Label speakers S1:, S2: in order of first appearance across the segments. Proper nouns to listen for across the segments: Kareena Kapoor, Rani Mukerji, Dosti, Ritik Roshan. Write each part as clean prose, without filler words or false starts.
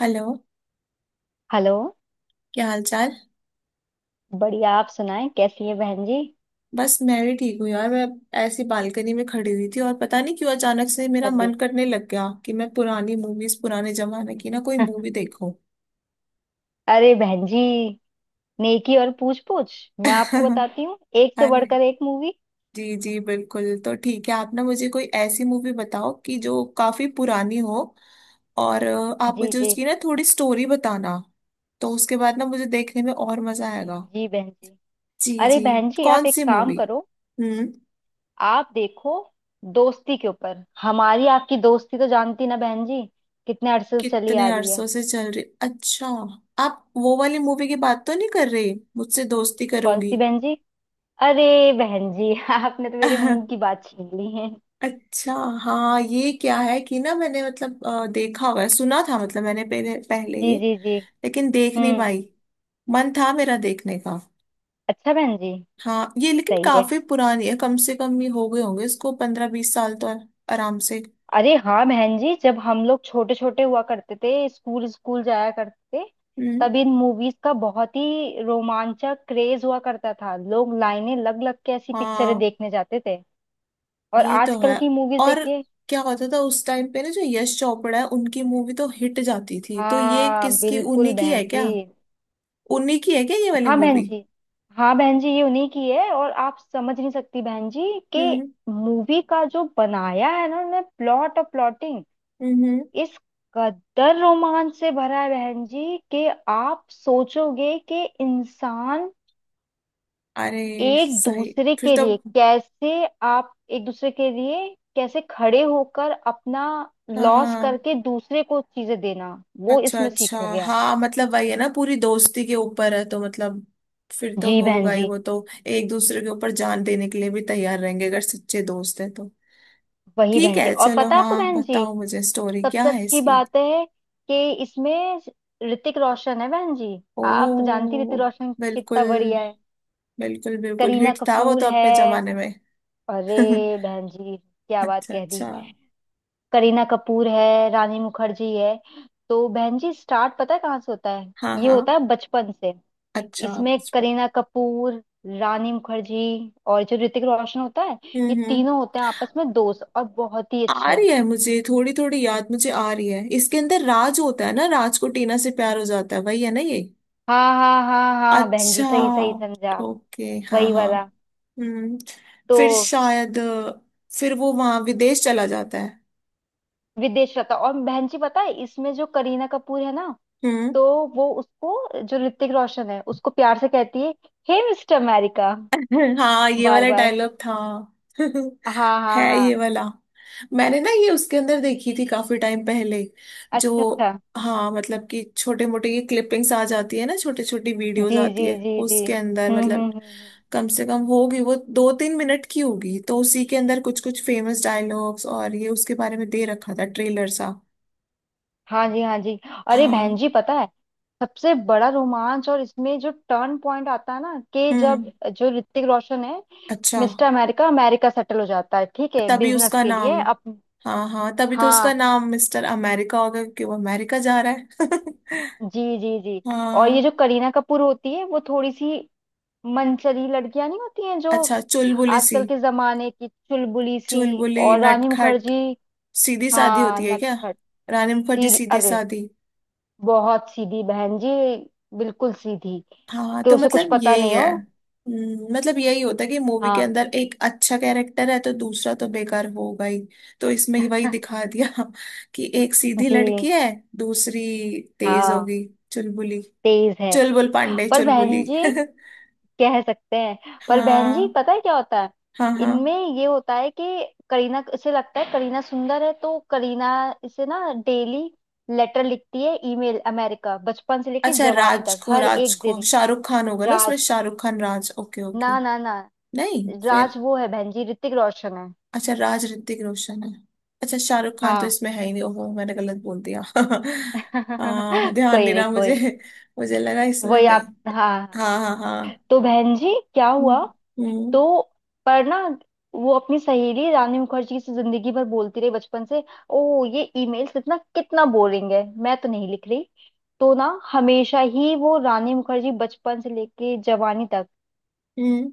S1: Hello.
S2: Hello.
S1: क्या हाल चाल।
S2: बढ़िया, आप सुनाएं कैसी है बहन जी।
S1: बस मैं भी ठीक हूँ यार। मैं ऐसी बालकनी में खड़ी हुई थी और पता नहीं क्यों अचानक से मेरा
S2: अच्छा जी।
S1: मन करने लग गया कि मैं पुरानी मूवीज पुराने जमाने की ना कोई मूवी देखूं।
S2: अरे बहन जी, नेकी और पूछ पूछ। मैं आपको बताती हूँ एक से
S1: अरे
S2: बढ़कर एक मूवी।
S1: जी जी बिल्कुल तो ठीक है। आप ना मुझे कोई ऐसी मूवी बताओ कि जो काफी पुरानी हो और आप
S2: जी
S1: मुझे
S2: जी
S1: उसकी ना थोड़ी स्टोरी बताना। तो उसके बाद ना मुझे देखने में और मजा आएगा।
S2: जी बहन जी।
S1: जी
S2: अरे
S1: जी।
S2: बहन जी
S1: कौन
S2: आप एक
S1: सी
S2: काम
S1: मूवी।
S2: करो,
S1: हम्म।
S2: आप देखो। दोस्ती के ऊपर, हमारी आपकी दोस्ती तो जानती ना बहन जी, कितने अरसे से चली
S1: कितने
S2: आ रही है।
S1: अरसों से चल रही। अच्छा आप वो वाली मूवी की बात तो नहीं कर रहे, मुझसे दोस्ती
S2: कौन
S1: करोगी।
S2: सी बहन जी। अरे बहन जी, आपने तो मेरे मुंह की बात छीन ली है।
S1: अच्छा। हाँ ये क्या है कि ना मैंने मतलब देखा हुआ है, सुना था मतलब मैंने पहले पहले
S2: जी
S1: ये,
S2: जी जी।
S1: लेकिन देख नहीं
S2: हम्म।
S1: पाई। मन था मेरा देखने का।
S2: अच्छा बहन जी।
S1: हाँ ये लेकिन
S2: सही है।
S1: काफी पुरानी है, कम से कम ये हो गए होंगे इसको 15-20 साल तो आराम से।
S2: अरे हाँ बहन जी, जब हम लोग छोटे छोटे हुआ करते थे, स्कूल स्कूल जाया करते थे,
S1: हम्म।
S2: तब इन मूवीज का बहुत ही रोमांचक क्रेज हुआ करता था। लोग लाइनें लग लग के ऐसी पिक्चरें
S1: हाँ
S2: देखने जाते थे। और
S1: ये तो
S2: आजकल
S1: है।
S2: की मूवीज
S1: और
S2: देखिए।
S1: क्या होता था उस टाइम पे ना जो यश चोपड़ा है उनकी मूवी तो हिट जाती थी, तो ये
S2: हाँ
S1: किसकी,
S2: बिल्कुल
S1: उन्हीं की
S2: बहन
S1: है क्या।
S2: जी।
S1: उन्हीं की है क्या ये वाली
S2: हाँ बहन
S1: मूवी।
S2: जी। हाँ बहन जी ये उन्हीं की है। और आप समझ नहीं सकती बहन जी कि
S1: हम्म
S2: मूवी का जो बनाया है ना उन्होंने, प्लॉट और प्लॉटिंग
S1: हम्म।
S2: इस कदर रोमांच से भरा है बहन जी कि आप सोचोगे कि इंसान
S1: अरे
S2: एक
S1: सही।
S2: दूसरे
S1: फिर
S2: के
S1: तो।
S2: लिए कैसे, आप एक दूसरे के लिए कैसे खड़े होकर अपना
S1: हाँ
S2: लॉस
S1: हाँ।
S2: करके दूसरे को चीजें देना, वो
S1: अच्छा
S2: इसमें
S1: अच्छा।
S2: सीखोगे आप।
S1: हाँ मतलब वही है ना पूरी दोस्ती के ऊपर है तो मतलब फिर तो
S2: जी बहन
S1: होगा ही।
S2: जी।
S1: वो तो एक दूसरे के ऊपर जान देने के लिए भी तैयार रहेंगे अगर सच्चे दोस्त हैं तो।
S2: वही
S1: ठीक
S2: बहन जी।
S1: है
S2: और
S1: चलो।
S2: पता है आपको
S1: हाँ
S2: बहन जी,
S1: बताओ मुझे, स्टोरी क्या
S2: सबसे
S1: है
S2: अच्छी
S1: इसकी।
S2: बात है कि इसमें ऋतिक रोशन है बहन जी। आप तो जानती हैं
S1: ओ।
S2: ऋतिक रोशन
S1: बिल्कुल।
S2: कितना बढ़िया है।
S1: बिल्कुल बिल्कुल
S2: करीना
S1: हिट था वो
S2: कपूर
S1: तो
S2: है।
S1: अपने जमाने में।
S2: अरे बहन जी क्या बात
S1: अच्छा
S2: कह
S1: अच्छा।
S2: दी। करीना कपूर है, रानी मुखर्जी है। तो बहन जी स्टार्ट पता है कहाँ से होता है,
S1: हाँ
S2: ये
S1: हाँ।
S2: होता है बचपन से।
S1: अच्छा।
S2: इसमें
S1: बचपन।
S2: करीना कपूर, रानी मुखर्जी और जो ऋतिक रोशन होता है, ये
S1: हम्म।
S2: तीनों होते हैं आपस में दोस्त, और बहुत ही
S1: आ
S2: अच्छे।
S1: रही है मुझे थोड़ी थोड़ी याद, मुझे आ रही है, इसके अंदर राज होता है ना, राज को टीना से प्यार हो जाता है, वही है ना ये।
S2: हाँ हाँ हाँ हाँ बहन
S1: अच्छा।
S2: जी, सही सही समझा।
S1: ओके। हाँ
S2: वही
S1: हाँ।
S2: वाला।
S1: हम्म।
S2: तो
S1: फिर शायद फिर वो वहां विदेश चला जाता है।
S2: विदेश रहता। और बहन जी पता है, इसमें जो करीना कपूर है ना,
S1: हम्म।
S2: तो वो उसको, जो ऋतिक रोशन है उसको प्यार से कहती है हे मिस्टर अमेरिका,
S1: हाँ ये
S2: बार
S1: वाला
S2: बार।
S1: डायलॉग था।
S2: हाँ हाँ
S1: है ये
S2: हाँ।
S1: वाला। मैंने ना ये उसके अंदर देखी थी काफी टाइम पहले। जो।
S2: अच्छा अच्छा।
S1: हाँ मतलब कि छोटे मोटे ये क्लिपिंग्स आ जाती है ना, छोटी छोटी वीडियोस
S2: जी
S1: आती
S2: जी
S1: है
S2: जी जी।
S1: उसके अंदर
S2: हम्म हम्म
S1: मतलब,
S2: हम्म हम्म।
S1: कम से कम होगी वो 2-3 मिनट की, होगी तो उसी के अंदर कुछ कुछ फेमस डायलॉग्स और ये उसके बारे में दे रखा था ट्रेलर सा।
S2: हाँ जी हाँ जी। अरे बहन
S1: हाँ।
S2: जी पता है, सबसे बड़ा रोमांच और इसमें जो टर्न पॉइंट आता है ना कि जब
S1: हम्म।
S2: जो ऋतिक रोशन है,
S1: अच्छा।
S2: मिस्टर अमेरिका अमेरिका सेटल हो जाता है, ठीक है,
S1: तभी
S2: बिजनेस
S1: उसका
S2: के
S1: नाम।
S2: लिए अप।
S1: हाँ हाँ तभी तो उसका
S2: हाँ
S1: नाम मिस्टर अमेरिका होगा, क्योंकि वो अमेरिका जा रहा है।
S2: जी जी जी। और
S1: हाँ।
S2: ये जो करीना कपूर होती है, वो थोड़ी सी मनचली लड़कियां नहीं होती हैं जो
S1: अच्छा चुलबुली सी।
S2: आजकल के जमाने की चुलबुली सी,
S1: चुलबुली
S2: और रानी
S1: नटखट।
S2: मुखर्जी।
S1: सीधी सादी
S2: हाँ
S1: होती है क्या।
S2: नटखट।
S1: रानी मुखर्जी
S2: सीधी,
S1: सीधी
S2: अरे
S1: सादी।
S2: बहुत सीधी बहन जी, बिल्कुल सीधी।
S1: हाँ
S2: कि
S1: तो
S2: उसे कुछ
S1: मतलब
S2: पता
S1: यही
S2: नहीं
S1: है।
S2: हो।
S1: मतलब यही होता है कि मूवी के
S2: हाँ।
S1: अंदर एक अच्छा कैरेक्टर है तो दूसरा तो बेकार होगा ही। तो इसमें ही वही दिखा दिया। कि एक सीधी लड़की
S2: जी।
S1: है, दूसरी तेज
S2: हाँ
S1: होगी चुलबुली।
S2: तेज है।
S1: चुलबुल पांडे
S2: पर बहन
S1: चुलबुली।
S2: जी कह सकते हैं, पर बहन जी
S1: हाँ
S2: पता है क्या होता है,
S1: हाँ
S2: इनमें
S1: हाँ।
S2: ये होता है कि करीना, इसे लगता है करीना सुंदर है, तो करीना इसे ना डेली लेटर लिखती है, ईमेल, अमेरिका, बचपन से लेके
S1: अच्छा
S2: जवानी
S1: राज
S2: तक
S1: को,
S2: हर
S1: राज
S2: एक
S1: को
S2: दिन।
S1: शाहरुख खान होगा ना उसमें,
S2: राज,
S1: शाहरुख खान राज। ओके
S2: ना
S1: ओके।
S2: ना ना,
S1: नहीं फिर।
S2: राज वो है बहन जी, ऋतिक रोशन है।
S1: अच्छा राज ऋतिक रोशन है। अच्छा शाहरुख खान तो
S2: हाँ।
S1: इसमें है ही नहीं। ओहो मैंने गलत बोल दिया। हाँ ध्यान
S2: कोई
S1: नहीं
S2: नहीं
S1: रहा
S2: कोई
S1: मुझे।
S2: नहीं।
S1: मुझे लगा इसमें
S2: वही
S1: भाई।
S2: आप, हाँ हाँ
S1: हाँ हाँ
S2: हाँ। हाँ।
S1: हाँ।
S2: तो बहन जी क्या
S1: हम्म
S2: हुआ,
S1: हम्म
S2: तो पर ना वो अपनी सहेली रानी मुखर्जी से जिंदगी भर बोलती रही, बचपन से, ओ ये ईमेल्स इतना कितना बोरिंग है, मैं तो नहीं लिख रही। तो ना हमेशा ही वो रानी मुखर्जी बचपन से लेके जवानी तक
S1: हम्म।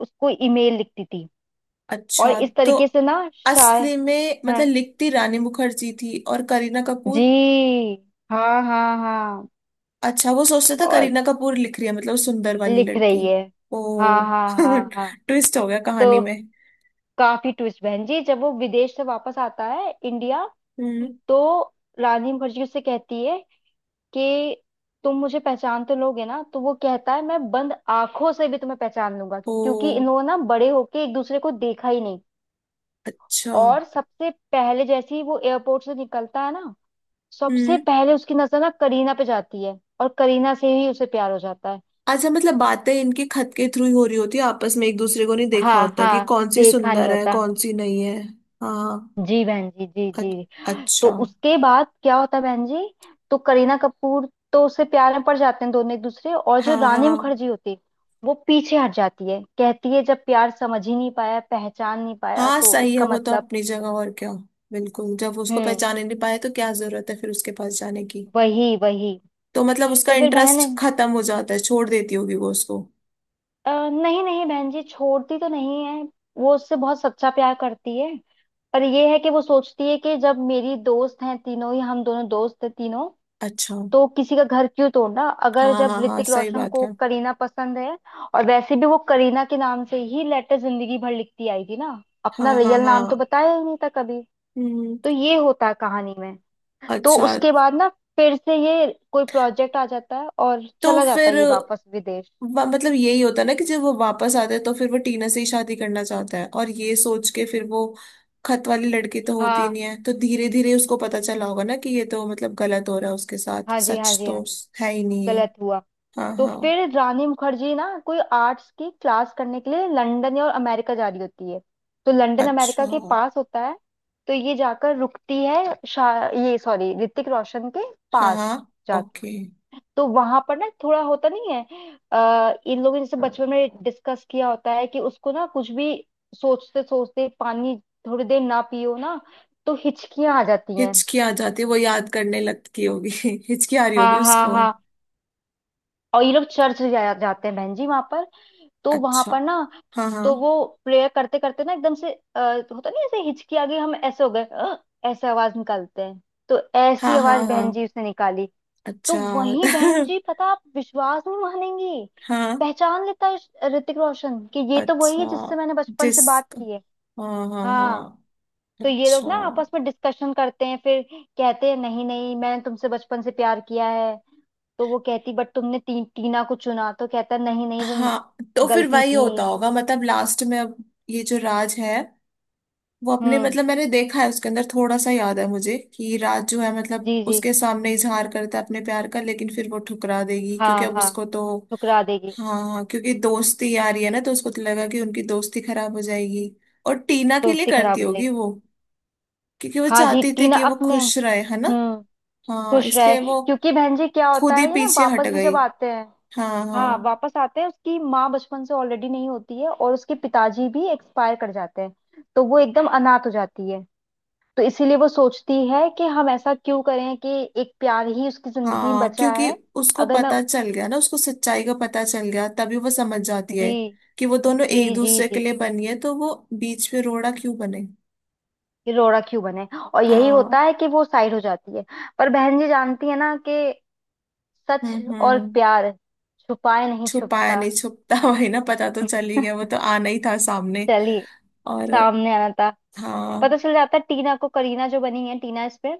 S2: उसको ईमेल लिखती थी। और
S1: अच्छा।
S2: इस
S1: तो
S2: तरीके से ना शायद।
S1: असली में
S2: हाँ
S1: मतलब लिखती रानी मुखर्जी थी और करीना कपूर।
S2: जी। हाँ हाँ हाँ।
S1: अच्छा वो सोचते था
S2: और
S1: करीना कपूर लिख रही है मतलब सुंदर वाली
S2: लिख
S1: लड़की।
S2: रही है। हाँ
S1: ओ।
S2: हाँ हाँ हाँ।
S1: ट्विस्ट हो गया कहानी
S2: तो
S1: में।
S2: काफी ट्विस्ट बहन जी, जब वो विदेश से वापस आता है इंडिया,
S1: हम्म।
S2: तो रानी मुखर्जी उससे कहती है कि तुम मुझे पहचान तो लोगे ना, तो वो कहता है मैं बंद आंखों से भी तुम्हें पहचान लूंगा,
S1: ओ।
S2: क्योंकि इन लोगों ने ना बड़े होके एक दूसरे को देखा ही नहीं।
S1: अच्छा।
S2: और सबसे पहले जैसे ही वो एयरपोर्ट से निकलता है ना, सबसे
S1: हम्म।
S2: पहले उसकी नजर ना करीना पे जाती है और करीना से ही उसे प्यार हो जाता है।
S1: अच्छा मतलब बातें इनके खत के थ्रू ही हो रही होती है आपस में, एक दूसरे को नहीं देखा
S2: हाँ
S1: होता कि
S2: हाँ
S1: कौन सी
S2: देखा
S1: सुंदर
S2: नहीं
S1: है
S2: होता।
S1: कौन सी नहीं है। हाँ।
S2: जी बहन जी जी
S1: अ-
S2: जी। तो
S1: अच्छा।
S2: उसके बाद क्या होता है बहन जी, तो करीना कपूर, तो उससे प्यार में पड़ जाते हैं दोनों एक दूसरे, और जो
S1: हाँ
S2: रानी
S1: हाँ
S2: मुखर्जी होती है, वो पीछे हट जाती है, कहती है जब प्यार समझ ही नहीं पाया, पहचान नहीं पाया,
S1: हाँ
S2: तो
S1: सही है।
S2: इसका
S1: वो तो
S2: मतलब।
S1: अपनी जगह, और क्या। बिल्कुल, जब वो उसको
S2: हम्म।
S1: पहचाने नहीं पाए तो क्या जरूरत है फिर उसके पास जाने की।
S2: वही वही।
S1: तो मतलब उसका
S2: तो फिर बहन,
S1: इंटरेस्ट खत्म हो जाता है, छोड़ देती होगी वो उसको।
S2: नहीं नहीं बहन जी, छोड़ती तो नहीं है, वो उससे बहुत सच्चा प्यार करती है। पर ये है कि वो सोचती है कि जब मेरी दोस्त हैं तीनों ही, हम दोनों दोस्त हैं तीनों,
S1: अच्छा।
S2: तो किसी का घर क्यों तोड़ना, अगर
S1: हाँ
S2: जब
S1: हाँ हाँ
S2: ऋतिक
S1: सही
S2: रोशन
S1: बात
S2: को
S1: है।
S2: करीना पसंद है। और वैसे भी वो करीना के नाम से ही लेटर जिंदगी भर लिखती आई थी ना, अपना
S1: हाँ हाँ
S2: रियल
S1: हाँ।
S2: नाम तो बताया ही नहीं था कभी।
S1: हम्म।
S2: तो ये होता है कहानी में। तो
S1: अच्छा
S2: उसके बाद ना, फिर से ये कोई प्रोजेक्ट आ जाता है और
S1: तो
S2: चला जाता
S1: फिर
S2: है ये वापस विदेश।
S1: मतलब यही होता है ना कि जब वो वापस आता है तो फिर वो टीना से ही शादी करना चाहता है, और ये सोच के फिर वो, खत वाली लड़की तो होती ही
S2: हाँ
S1: नहीं है, तो धीरे धीरे उसको पता
S2: जी
S1: चला होगा ना कि ये तो मतलब गलत हो रहा है उसके साथ,
S2: हाँ जी हाँ
S1: सच
S2: जी। हाँ
S1: तो
S2: जी।
S1: है ही नहीं है।
S2: गलत हुआ।
S1: हाँ
S2: तो
S1: हाँ।
S2: फिर रानी मुखर्जी ना कोई आर्ट्स की क्लास करने के लिए लंदन या और अमेरिका जा रही होती है, तो लंदन
S1: अच्छा।
S2: अमेरिका के पास होता है, तो ये जाकर रुकती है ये सॉरी, ऋतिक रोशन के
S1: हाँ
S2: पास
S1: हाँ
S2: जाके।
S1: ओके।
S2: तो वहां पर ना थोड़ा होता नहीं है, इन लोगों ने जैसे बचपन में डिस्कस किया होता है कि उसको ना कुछ भी सोचते सोचते पानी थोड़ी देर ना पियो ना, तो हिचकियां आ जाती हैं।
S1: हिचकी आ जाती है, वो याद करने लगती होगी। हिचकी आ रही
S2: हाँ
S1: होगी
S2: हाँ
S1: उसको।
S2: हाँ। और ये लोग चर्च जाते हैं बहन जी वहां पर। तो वहां
S1: अच्छा।
S2: पर ना,
S1: हाँ हाँ।
S2: तो वो प्रेयर करते करते ना एकदम से होता नहीं ऐसे हिचकी आ गई, हम ऐसे हो गए "अ", ऐसे आवाज निकालते हैं, तो ऐसी
S1: हाँ हाँ
S2: आवाज
S1: हाँ।
S2: बहन जी उसने निकाली। तो
S1: अच्छा।
S2: वही बहन जी, पता आप विश्वास नहीं मानेंगी,
S1: हाँ।
S2: पहचान लेता है ऋतिक रोशन कि ये तो वही
S1: अच्छा।
S2: है जिससे मैंने बचपन
S1: जिस।
S2: से बात की है।
S1: हाँ हाँ
S2: हाँ।
S1: हाँ।
S2: तो ये लोग
S1: अच्छा।
S2: ना आपस में डिस्कशन करते हैं, फिर कहते हैं नहीं नहीं, मैंने तुमसे बचपन से प्यार किया है। तो वो कहती, बट तुमने टीना को चुना, तो कहता नहीं नहीं वो
S1: हाँ तो फिर
S2: गलती
S1: वही
S2: थी।
S1: होता होगा मतलब लास्ट में अब ये जो राज है वो अपने
S2: हम्म।
S1: मतलब, मैंने देखा है उसके अंदर थोड़ा सा याद है मुझे, कि राज जो है मतलब
S2: जी जी।
S1: उसके सामने इजहार करता है अपने प्यार का, लेकिन फिर वो ठुकरा देगी क्योंकि
S2: हाँ
S1: अब
S2: हाँ।
S1: उसको तो।
S2: ठुकरा देगी।
S1: हाँ हाँ क्योंकि दोस्ती आ रही है ना तो उसको तो लगा कि उनकी दोस्ती खराब हो जाएगी। और टीना के लिए
S2: दोस्ती खराब
S1: करती
S2: हो
S1: होगी
S2: जाएगी।
S1: वो। क्योंकि वो
S2: हाँ जी,
S1: चाहती थी
S2: टीना
S1: कि वो
S2: अपने।
S1: खुश रहे, है ना।
S2: हम्म।
S1: हाँ
S2: खुश रहे,
S1: इसलिए वो
S2: क्योंकि बहन जी क्या होता
S1: खुद ही
S2: है, ये ना
S1: पीछे हट
S2: वापस भी
S1: गई।
S2: जब आते हैं।
S1: हाँ
S2: हाँ
S1: हाँ
S2: वापस आते हैं, उसकी माँ बचपन से ऑलरेडी नहीं होती है और उसके पिताजी भी एक्सपायर कर जाते हैं, तो वो एकदम अनाथ हो जाती है। तो इसीलिए वो सोचती है कि हम ऐसा क्यों करें कि, एक प्यार ही उसकी जिंदगी में
S1: हाँ
S2: बचा
S1: क्योंकि
S2: है,
S1: उसको
S2: अगर मैं।
S1: पता चल गया ना, उसको सच्चाई का पता चल गया, तभी वो समझ जाती
S2: जी
S1: है कि वो दोनों
S2: जी
S1: एक
S2: जी
S1: दूसरे
S2: जी।
S1: के लिए बनी है, तो वो बीच में रोड़ा क्यों बने।
S2: ये रोड़ा क्यों बने। और यही
S1: हाँ।
S2: होता है कि वो साइड हो जाती है। पर बहन जी जानती है ना कि सच और
S1: हम्म।
S2: प्यार छुपाए नहीं
S1: छुपाया
S2: छुपता।
S1: नहीं छुपता। वही ना, पता तो चल ही गया, वो तो आना ही था सामने।
S2: चलिए,
S1: और।
S2: सामने आना था।
S1: हाँ
S2: पता चल जाता है टीना को, करीना जो बनी है टीना, इस पे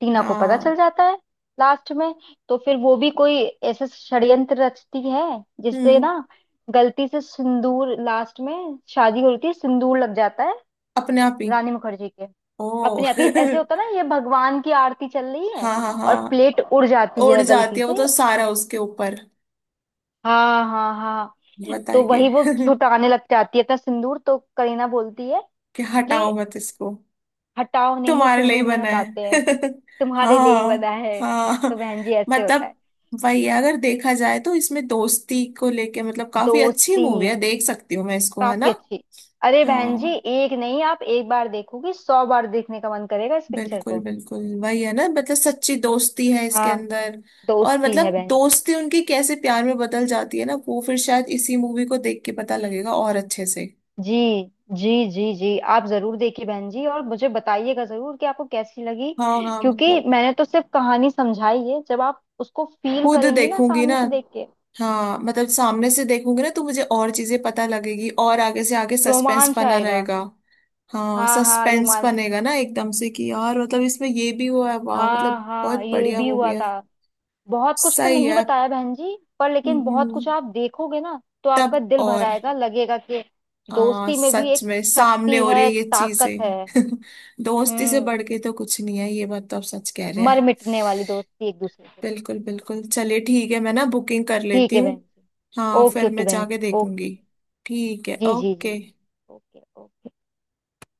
S2: टीना को पता चल
S1: हाँ।
S2: जाता है लास्ट में। तो फिर वो भी कोई ऐसे षड्यंत्र रचती है, जिससे
S1: हम्म।
S2: ना गलती से सिंदूर, लास्ट में शादी होती है, सिंदूर लग जाता है
S1: अपने आप ही।
S2: रानी मुखर्जी के।
S1: ओ।
S2: अपने आप ही ऐसे होता ना, ये भगवान की आरती चल रही है
S1: हाँ हाँ
S2: और
S1: हाँ।
S2: प्लेट उड़ जाती
S1: उड़
S2: है
S1: जाती
S2: गलती
S1: है, वो
S2: से।
S1: तो सारा उसके ऊपर।
S2: हाँ हाँ हाँ। तो
S1: बताइए।
S2: वही वो छुटाने लग जाती है अपना सिंदूर, तो करीना बोलती है
S1: कि
S2: कि
S1: हटाओ मत इसको।
S2: हटाओ नहीं,
S1: तुम्हारे लिए ही
S2: सिंदूर नहीं
S1: बना है।
S2: हटाते हैं, तुम्हारे लिए ही बना
S1: हाँ
S2: है।
S1: हाँ
S2: तो बहन जी ऐसे होता
S1: मतलब
S2: है।
S1: वही है, अगर देखा जाए तो इसमें दोस्ती को लेके मतलब काफी अच्छी
S2: दोस्ती,
S1: मूवी है, देख सकती हूँ मैं इसको, है ना।
S2: काफी अच्छी। अरे बहन जी
S1: हाँ।
S2: एक नहीं, आप एक बार देखोगी सौ बार देखने का मन करेगा इस पिक्चर
S1: बिल्कुल
S2: को।
S1: बिल्कुल वही है ना, मतलब सच्ची दोस्ती है इसके
S2: हाँ।
S1: अंदर। और
S2: दोस्ती है
S1: मतलब
S2: बहन जी।
S1: दोस्ती उनकी कैसे प्यार में बदल जाती है ना, वो फिर शायद इसी मूवी को देख के पता लगेगा और अच्छे से।
S2: जी जी जी जी, आप जरूर देखिए बहन जी और मुझे बताइएगा जरूर कि आपको कैसी लगी,
S1: हाँ हाँ
S2: क्योंकि
S1: मतलब
S2: मैंने तो सिर्फ कहानी समझाई है, जब आप उसको फील
S1: खुद
S2: करेंगी ना
S1: देखूंगी ना।
S2: सामने से देख के,
S1: हाँ मतलब सामने से देखूंगी ना तो मुझे और चीजें पता लगेगी और आगे से आगे सस्पेंस
S2: रोमांच
S1: बना
S2: आएगा।
S1: रहेगा। हाँ
S2: हाँ हाँ
S1: सस्पेंस
S2: रोमांच।
S1: बनेगा ना एकदम से कि यार मतलब इसमें ये भी हुआ है, वाह
S2: हाँ
S1: मतलब
S2: हाँ
S1: बहुत
S2: ये
S1: बढ़िया
S2: भी
S1: मूवी
S2: हुआ
S1: है।
S2: था। बहुत कुछ तो
S1: सही
S2: नहीं
S1: है।
S2: बताया बहन जी, पर लेकिन बहुत
S1: हम्म,
S2: कुछ आप देखोगे ना, तो
S1: तब
S2: आपका दिल भर
S1: और।
S2: आएगा, लगेगा कि
S1: हाँ
S2: दोस्ती में भी
S1: सच
S2: एक
S1: में सामने
S2: शक्ति
S1: हो रही है
S2: है,
S1: ये
S2: ताकत है।
S1: चीजें। दोस्ती से
S2: हम्म।
S1: बढ़ के तो कुछ नहीं है, ये बात तो आप सच कह रहे
S2: मर
S1: हैं।
S2: मिटने वाली दोस्ती एक दूसरे के लिए।
S1: बिल्कुल बिल्कुल चलिए ठीक है, मैं ना बुकिंग कर
S2: ठीक
S1: लेती
S2: है
S1: हूँ।
S2: बहन जी।
S1: हाँ
S2: ओके
S1: फिर
S2: ओके
S1: मैं
S2: बहन
S1: जाके
S2: जी, ओके
S1: देखूंगी।
S2: ओके।
S1: ठीक है
S2: जी जी जी
S1: ओके।
S2: जी। Okay okay.